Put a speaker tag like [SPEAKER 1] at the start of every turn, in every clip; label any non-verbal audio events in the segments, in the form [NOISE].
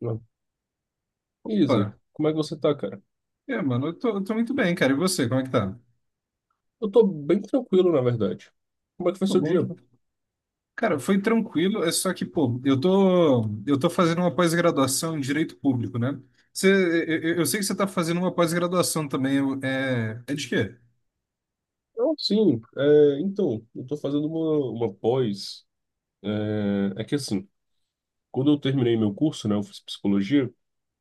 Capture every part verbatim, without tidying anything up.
[SPEAKER 1] Não. Isa,
[SPEAKER 2] Opa.
[SPEAKER 1] como é que você tá, cara?
[SPEAKER 2] É, mano, eu tô, eu tô muito bem, cara. E você, como é que tá?
[SPEAKER 1] Eu tô bem tranquilo, na verdade. Como é que foi
[SPEAKER 2] Pô,
[SPEAKER 1] seu
[SPEAKER 2] bom
[SPEAKER 1] dia?
[SPEAKER 2] demais. Cara, foi tranquilo, é só que, pô, eu tô, eu tô fazendo uma pós-graduação em Direito Público, né? Você, eu, eu eu sei que você tá fazendo uma pós-graduação também, eu- é, é de quê?
[SPEAKER 1] Não, sim, é, então, eu tô fazendo uma, uma pós. É, é que assim, quando eu terminei meu curso, né, eu fiz psicologia,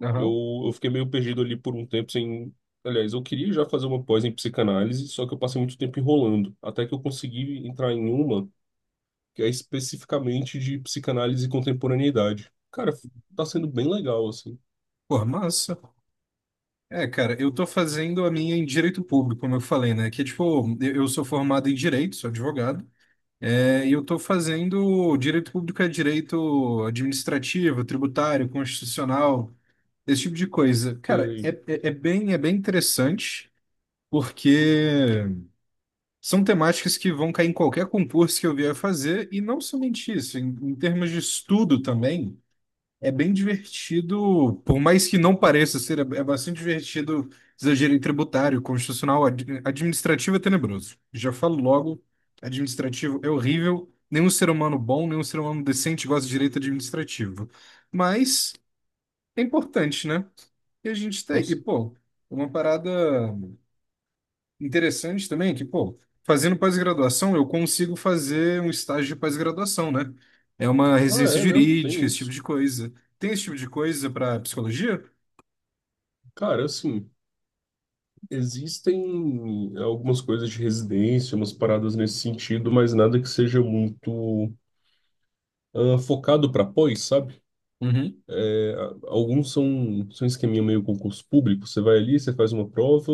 [SPEAKER 2] Aham.
[SPEAKER 1] eu, eu fiquei meio perdido ali por um tempo sem. Aliás, eu queria já fazer uma pós em psicanálise, só que eu passei muito tempo enrolando, até que eu consegui entrar em uma que é especificamente de psicanálise e contemporaneidade. Cara, tá sendo bem legal, assim.
[SPEAKER 2] Pô, massa. É, cara, eu tô fazendo a minha em Direito Público, como eu falei, né? Que, é, tipo, eu eu sou formado em Direito, sou advogado, é, e eu tô fazendo Direito Público é Direito Administrativo, Tributário, Constitucional. Esse tipo de coisa. Cara, é,
[SPEAKER 1] Sei.
[SPEAKER 2] é, é bem, é bem interessante, porque são temáticas que vão cair em qualquer concurso que eu vier fazer, e não somente isso, em, em termos de estudo também, é bem divertido, por mais que não pareça ser, é, é bastante divertido exagero em tributário, constitucional, ad- administrativo é tenebroso. Já falo logo, administrativo é horrível, nenhum ser humano bom, nenhum ser humano decente gosta de direito administrativo. Mas é importante, né? E a gente tá aí. E,
[SPEAKER 1] Nossa.
[SPEAKER 2] pô, uma parada interessante também é que, pô, fazendo pós-graduação, eu consigo fazer um estágio de pós-graduação, né? É uma
[SPEAKER 1] Ah,
[SPEAKER 2] residência
[SPEAKER 1] é, né?
[SPEAKER 2] jurídica,
[SPEAKER 1] Tem
[SPEAKER 2] esse tipo
[SPEAKER 1] isso.
[SPEAKER 2] de coisa. Tem esse tipo de coisa para psicologia?
[SPEAKER 1] Cara, assim, existem algumas coisas de residência, umas paradas nesse sentido, mas nada que seja muito ah, focado para pós, sabe?
[SPEAKER 2] Uhum.
[SPEAKER 1] É, a- alguns são, são esqueminha meio concurso público. Você vai ali, você faz uma prova,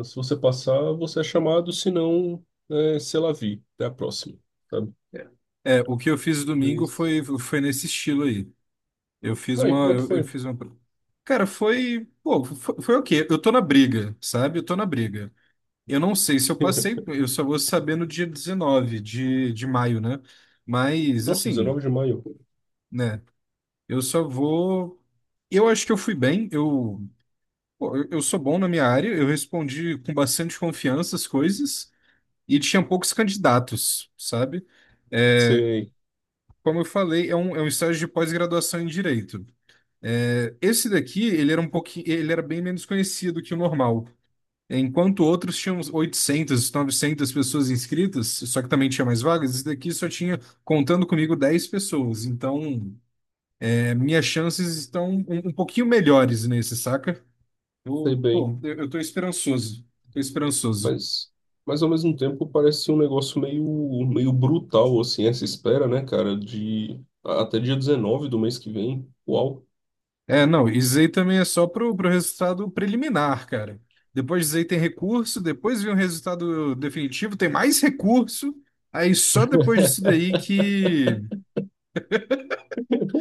[SPEAKER 1] ah, se você passar, você é chamado, se não, é, c'est la vie, até a próxima, sabe?
[SPEAKER 2] É, É, o que eu fiz domingo
[SPEAKER 1] Mas...
[SPEAKER 2] foi, foi nesse estilo aí. Eu fiz
[SPEAKER 1] Ah, e
[SPEAKER 2] uma,
[SPEAKER 1] como é que
[SPEAKER 2] eu, eu
[SPEAKER 1] foi?
[SPEAKER 2] fiz uma. Cara, foi, pô, foi, foi o quê? Eu tô na briga, sabe? Eu tô na briga. Eu não sei se eu passei,
[SPEAKER 1] [LAUGHS]
[SPEAKER 2] eu só vou saber no dia dezenove de, de maio, né? Mas,
[SPEAKER 1] Nossa,
[SPEAKER 2] assim,
[SPEAKER 1] dezenove de maio.
[SPEAKER 2] né? Eu só vou. Eu acho que eu fui bem, eu, pô, eu eu sou bom na minha área, eu respondi com bastante confiança as coisas e tinha poucos candidatos, sabe? É,
[SPEAKER 1] Sei,
[SPEAKER 2] como eu falei, é um, é um estágio de pós-graduação em direito. É, esse daqui, ele era um pouquinho, ele era bem menos conhecido que o normal. Enquanto outros tinham uns oitocentas, novecentas pessoas inscritas, só que também tinha mais vagas, esse daqui só tinha, contando comigo, dez pessoas. Então, é, minhas chances estão um, um pouquinho melhores nesse, saca?
[SPEAKER 1] sei
[SPEAKER 2] Eu,
[SPEAKER 1] bem.
[SPEAKER 2] pô, eu, eu tô esperançoso. Tô esperançoso.
[SPEAKER 1] Mas, mas ao mesmo tempo parece um negócio meio, meio brutal, assim, essa espera, né, cara, de a- até dia dezenove do mês que vem. Uau!
[SPEAKER 2] É, não, e Zay também é só pro, pro resultado preliminar, cara. Depois de Zay tem recurso, depois vem o resultado definitivo, tem mais recurso. Aí só depois disso daí que.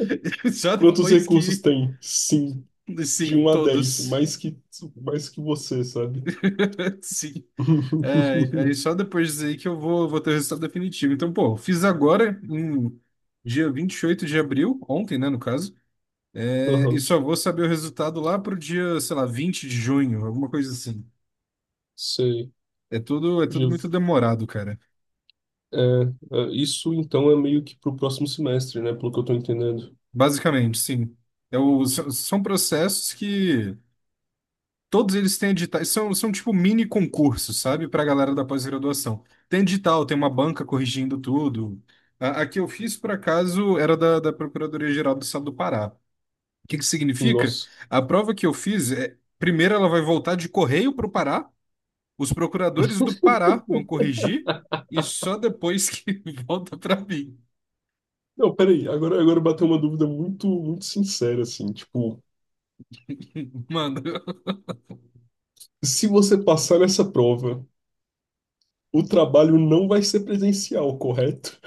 [SPEAKER 2] [LAUGHS] Só
[SPEAKER 1] Quantos
[SPEAKER 2] depois
[SPEAKER 1] recursos
[SPEAKER 2] que.
[SPEAKER 1] tem? Sim, de
[SPEAKER 2] Sim,
[SPEAKER 1] um a dez
[SPEAKER 2] todos.
[SPEAKER 1] mais que, mais que você, sabe?
[SPEAKER 2] [LAUGHS] Sim. É, aí
[SPEAKER 1] [LAUGHS]
[SPEAKER 2] só depois disso aí que eu vou, vou ter o resultado definitivo. Então, pô, fiz agora, em dia vinte e oito de abril, ontem, né, no caso, é, e
[SPEAKER 1] Aham,
[SPEAKER 2] só vou saber o resultado lá pro dia, sei lá, vinte de junho, alguma coisa assim.
[SPEAKER 1] sei.
[SPEAKER 2] É tudo, é tudo
[SPEAKER 1] Já-
[SPEAKER 2] muito demorado, cara.
[SPEAKER 1] é, é, isso então é meio que pro próximo semestre, né, pelo que eu tô entendendo.
[SPEAKER 2] Basicamente, sim. É o- são são processos que todos eles têm editais, são, são tipo mini concursos, sabe, para a galera da pós-graduação. Tem edital, tem uma banca corrigindo tudo. A, a que eu fiz, por acaso, era da, da Procuradoria-Geral do Estado do Pará. O que que significa?
[SPEAKER 1] Nossa.
[SPEAKER 2] A prova que eu fiz, é, primeiro ela vai voltar de correio para o Pará, os procuradores do Pará vão corrigir, e só depois que [LAUGHS] volta para mim.
[SPEAKER 1] Não, peraí, agora, agora bateu uma dúvida muito, muito sincera, assim, tipo,
[SPEAKER 2] [LAUGHS] Mano,
[SPEAKER 1] se você passar nessa prova. O trabalho não vai ser presencial, correto?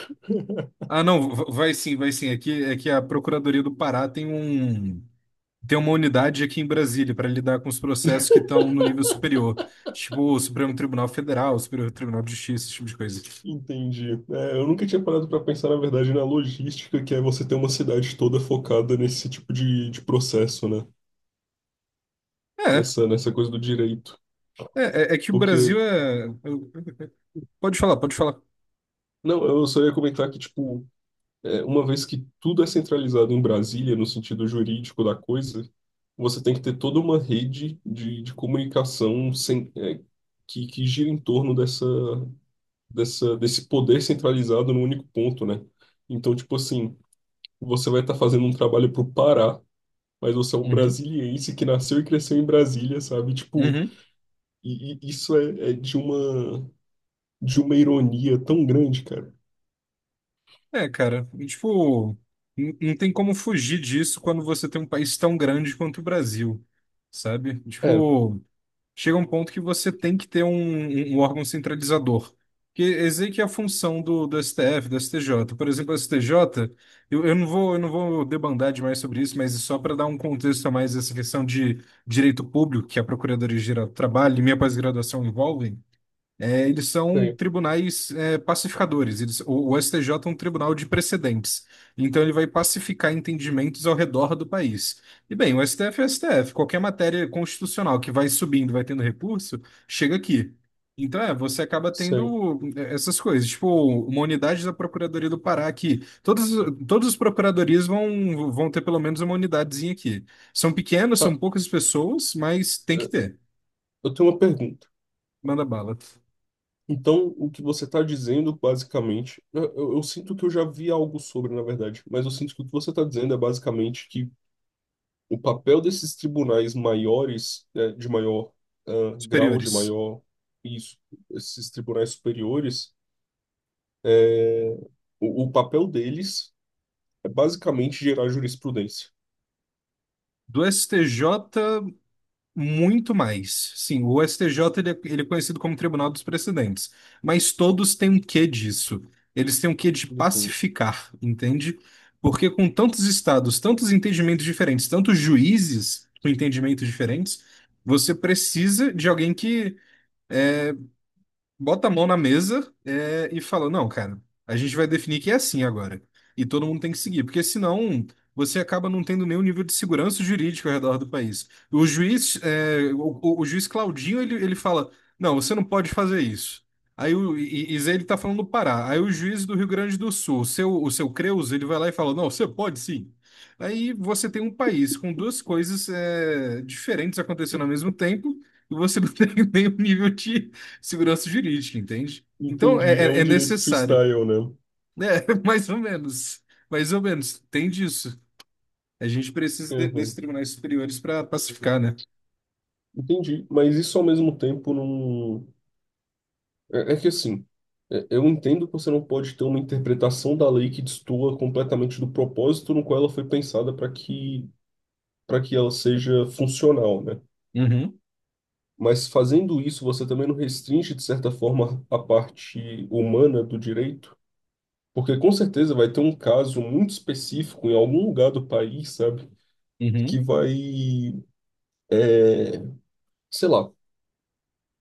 [SPEAKER 2] ah, não, v- vai sim, vai sim. É que, é que a Procuradoria do Pará tem um. Tem uma unidade aqui em Brasília para lidar com os processos que estão no nível superior, tipo o Supremo Tribunal Federal, o Superior Tribunal de Justiça, esse tipo de coisa.
[SPEAKER 1] Entendi. É, eu nunca tinha parado para pensar, na verdade, na logística, que é você ter uma cidade toda focada nesse tipo de, de processo, né?
[SPEAKER 2] É,
[SPEAKER 1] Nessa, nessa coisa do direito.
[SPEAKER 2] é, é é que o Brasil
[SPEAKER 1] Porque,
[SPEAKER 2] é. é, Pode falar, pode falar.
[SPEAKER 1] não, eu só ia comentar que, tipo, é, uma vez que tudo é centralizado em Brasília, no sentido jurídico da coisa, você tem que ter toda uma rede de, de comunicação sem, é, que, que gira em torno dessa, dessa, desse poder centralizado num único ponto, né? Então, tipo assim, você vai estar fazendo um trabalho pro Pará, mas você é um
[SPEAKER 2] Uhum,
[SPEAKER 1] brasiliense que nasceu e cresceu em Brasília, sabe? Tipo,
[SPEAKER 2] uhum.
[SPEAKER 1] e, e isso é, é de uma de uma ironia tão grande, cara.
[SPEAKER 2] É, cara, e, tipo, n- não tem como fugir disso quando você tem um país tão grande quanto o Brasil, sabe?
[SPEAKER 1] É,
[SPEAKER 2] Tipo. Chega um ponto que você tem que ter um, um- um órgão centralizador. Que esse aí que é a função do, do, S T F, do S T J. Por exemplo, o S T J, eu, eu não vou, eu não vou debandar demais sobre isso, mas só para dar um contexto a mais essa questão de direito público que a Procuradoria-Geral do Trabalho e minha pós-graduação envolvem, é, eles são
[SPEAKER 1] sei,
[SPEAKER 2] tribunais é, pacificadores. Eles- o, o S T J é um tribunal de precedentes. Então ele vai pacificar entendimentos ao redor do país. E bem, o S T F é o S T F. Qualquer matéria constitucional que vai subindo, vai tendo recurso, chega aqui. Então é, você acaba
[SPEAKER 1] sei.
[SPEAKER 2] tendo é, essas coisas. Tipo, uma unidade da Procuradoria do Pará que todos, todos os procuradorias vão, vão ter pelo menos uma unidadezinha aqui. São pequenas,
[SPEAKER 1] Tá,
[SPEAKER 2] são poucas pessoas, mas tem que
[SPEAKER 1] é,
[SPEAKER 2] ter.
[SPEAKER 1] eu tenho uma pergunta.
[SPEAKER 2] Manda bala.
[SPEAKER 1] Então, o que você está dizendo, basicamente, eu, eu eu sinto que eu já vi algo sobre, na verdade, mas eu sinto que o que você está dizendo é basicamente que o papel desses tribunais maiores, eh, de maior, ah, grau, de
[SPEAKER 2] Superiores.
[SPEAKER 1] maior, isso, esses tribunais superiores, o, o papel deles é basicamente gerar jurisprudência.
[SPEAKER 2] Do S T J, muito mais. Sim, o S T J ele é, ele é conhecido como Tribunal dos Precedentes, mas todos têm um quê disso. Eles têm um quê de
[SPEAKER 1] Uhum.
[SPEAKER 2] pacificar, entende? Porque com tantos estados, tantos entendimentos diferentes, tantos juízes com entendimentos diferentes, você precisa de alguém que bota a mão na mesa, é, e fala: Não, cara, a gente vai definir que é assim agora. E todo mundo tem que seguir, porque senão você acaba não tendo nenhum nível de segurança jurídica ao redor do país. O juiz, é, o, o- o juiz Claudinho, ele, ele fala: Não, você não pode fazer isso. Aí o e, e Zé, ele tá falando do Pará. Aí o juiz do Rio Grande do Sul, o seu, o seu Creus, ele vai lá e fala: Não, você pode sim. Aí você tem um país com duas coisas é, diferentes acontecendo ao mesmo tempo, e você não [LAUGHS] tem nenhum nível de segurança jurídica, entende? Então é,
[SPEAKER 1] Entendi. É
[SPEAKER 2] é-
[SPEAKER 1] um
[SPEAKER 2] é
[SPEAKER 1] direito
[SPEAKER 2] necessário,
[SPEAKER 1] freestyle, né?
[SPEAKER 2] né? [LAUGHS] Mais ou menos, mais ou menos, tem disso. A gente precisa de- desses
[SPEAKER 1] Aham.
[SPEAKER 2] tribunais superiores para pacificar, né?
[SPEAKER 1] Entendi. Mas isso ao mesmo tempo não. É, é que assim, é- eu entendo que você não pode ter uma interpretação da lei que destoa completamente do propósito no qual ela foi pensada para que, para que ela seja funcional, né?
[SPEAKER 2] Uhum,
[SPEAKER 1] Mas fazendo isso, você também não restringe, de certa forma, a parte humana do direito? Porque com certeza vai ter um caso muito específico em algum lugar do país, sabe? Que
[SPEAKER 2] uhum,
[SPEAKER 1] vai, sei lá,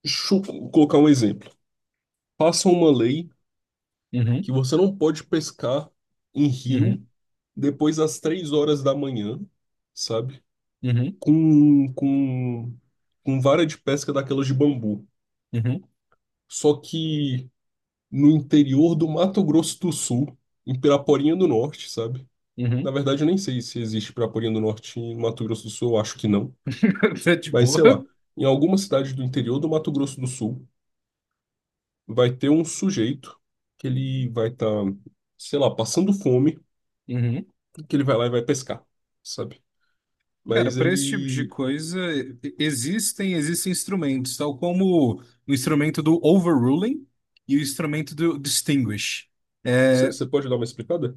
[SPEAKER 1] chu- colocar um exemplo. Passa uma lei
[SPEAKER 2] uhum,
[SPEAKER 1] que você não pode pescar em rio
[SPEAKER 2] uhum,
[SPEAKER 1] depois das três horas da manhã, sabe?
[SPEAKER 2] uhum,
[SPEAKER 1] Com, com, com vara de pesca daquelas de bambu.
[SPEAKER 2] uhum,
[SPEAKER 1] Só que no interior do Mato Grosso do Sul, em Piraporinha do Norte, sabe? Na
[SPEAKER 2] uhum.
[SPEAKER 1] verdade, eu nem sei se existe Piraporinha do Norte em Mato Grosso do Sul, eu acho que não.
[SPEAKER 2] [LAUGHS] Tá de
[SPEAKER 1] Mas
[SPEAKER 2] boa.
[SPEAKER 1] sei lá, em alguma cidade do interior do Mato Grosso do Sul, vai ter um sujeito que ele vai estar, sei lá, passando fome,
[SPEAKER 2] Uhum.
[SPEAKER 1] que ele vai lá e vai pescar, sabe?
[SPEAKER 2] Cara,
[SPEAKER 1] Mas
[SPEAKER 2] para esse tipo de
[SPEAKER 1] ele.
[SPEAKER 2] coisa e- existem existem instrumentos, tal como o instrumento do overruling e o instrumento do distinguish. É,
[SPEAKER 1] Você pode dar uma explicada?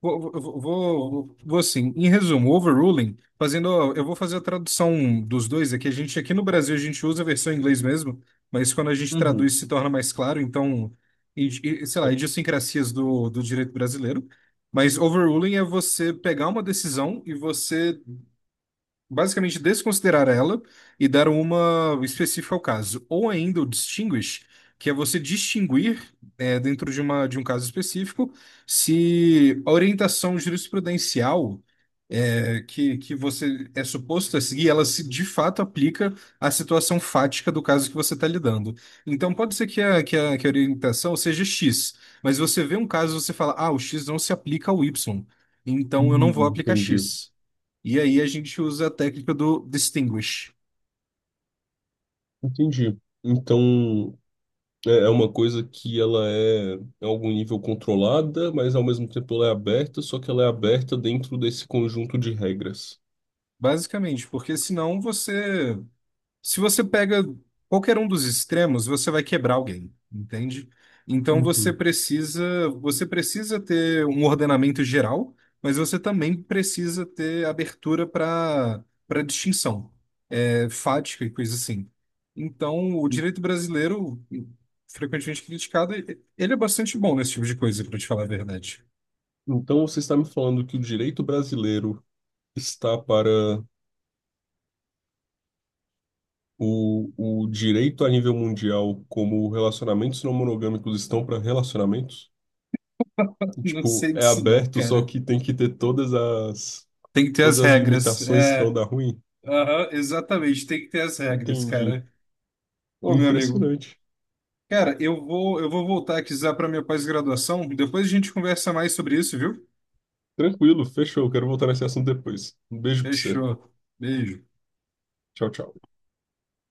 [SPEAKER 2] Vou, vou, vou, vou assim, em resumo, overruling, fazendo, eu vou fazer a tradução dos dois aqui. A gente aqui no Brasil a gente usa a versão em inglês mesmo, mas quando a gente
[SPEAKER 1] Uhum.
[SPEAKER 2] traduz se torna mais claro, então, e- e, sei lá,
[SPEAKER 1] Cê-
[SPEAKER 2] idiosincrasias do, do direito brasileiro. Mas overruling é você pegar uma decisão e você basicamente desconsiderar ela e dar uma específica ao caso. Ou ainda o distinguish, que é você distinguir, é, dentro de uma, de um caso específico, se a orientação jurisprudencial é, que, que você é suposto a seguir, ela se de fato aplica à situação fática do caso que você está lidando. Então pode ser que a, que a, que a orientação seja X, mas você vê um caso e você fala, ah, o X não se aplica ao Y, então eu não vou
[SPEAKER 1] Hum.
[SPEAKER 2] aplicar
[SPEAKER 1] Entendi.
[SPEAKER 2] X. E aí a gente usa a técnica do distinguish,
[SPEAKER 1] Entendi. Então, É é uma coisa que ela é, em algum nível, controlada, mas ao mesmo tempo ela é aberta, só que ela é aberta dentro desse conjunto de regras.
[SPEAKER 2] basicamente, porque senão você, se você pega qualquer um dos extremos, você vai quebrar alguém, entende? Então você
[SPEAKER 1] Uhum.
[SPEAKER 2] precisa, você precisa ter um ordenamento geral, mas você também precisa ter abertura para para distinção, é, fática e coisa assim. Então, o direito brasileiro, frequentemente criticado, ele é bastante bom nesse tipo de coisa, para te falar a verdade.
[SPEAKER 1] Então você está me falando que o direito brasileiro está para o, o direito a nível mundial, como relacionamentos não monogâmicos estão para relacionamentos?
[SPEAKER 2] [LAUGHS] Não
[SPEAKER 1] Tipo,
[SPEAKER 2] sei
[SPEAKER 1] é
[SPEAKER 2] disso não,
[SPEAKER 1] aberto, só
[SPEAKER 2] cara.
[SPEAKER 1] que tem que ter todas as,
[SPEAKER 2] Tem que ter
[SPEAKER 1] todas
[SPEAKER 2] as
[SPEAKER 1] as
[SPEAKER 2] regras.
[SPEAKER 1] limitações que não
[SPEAKER 2] É,
[SPEAKER 1] dá ruim?
[SPEAKER 2] aham, exatamente, tem que ter as regras,
[SPEAKER 1] Entendi.
[SPEAKER 2] cara. Ô, meu amigo,
[SPEAKER 1] Impressionante.
[SPEAKER 2] cara, eu vou, eu vou voltar aqui já para minha pós-graduação. Depois a gente conversa mais sobre isso, viu?
[SPEAKER 1] Tranquilo, fechou. Quero voltar nesse assunto depois. Um beijo pra você.
[SPEAKER 2] Fechou. Beijo.
[SPEAKER 1] Tchau, tchau.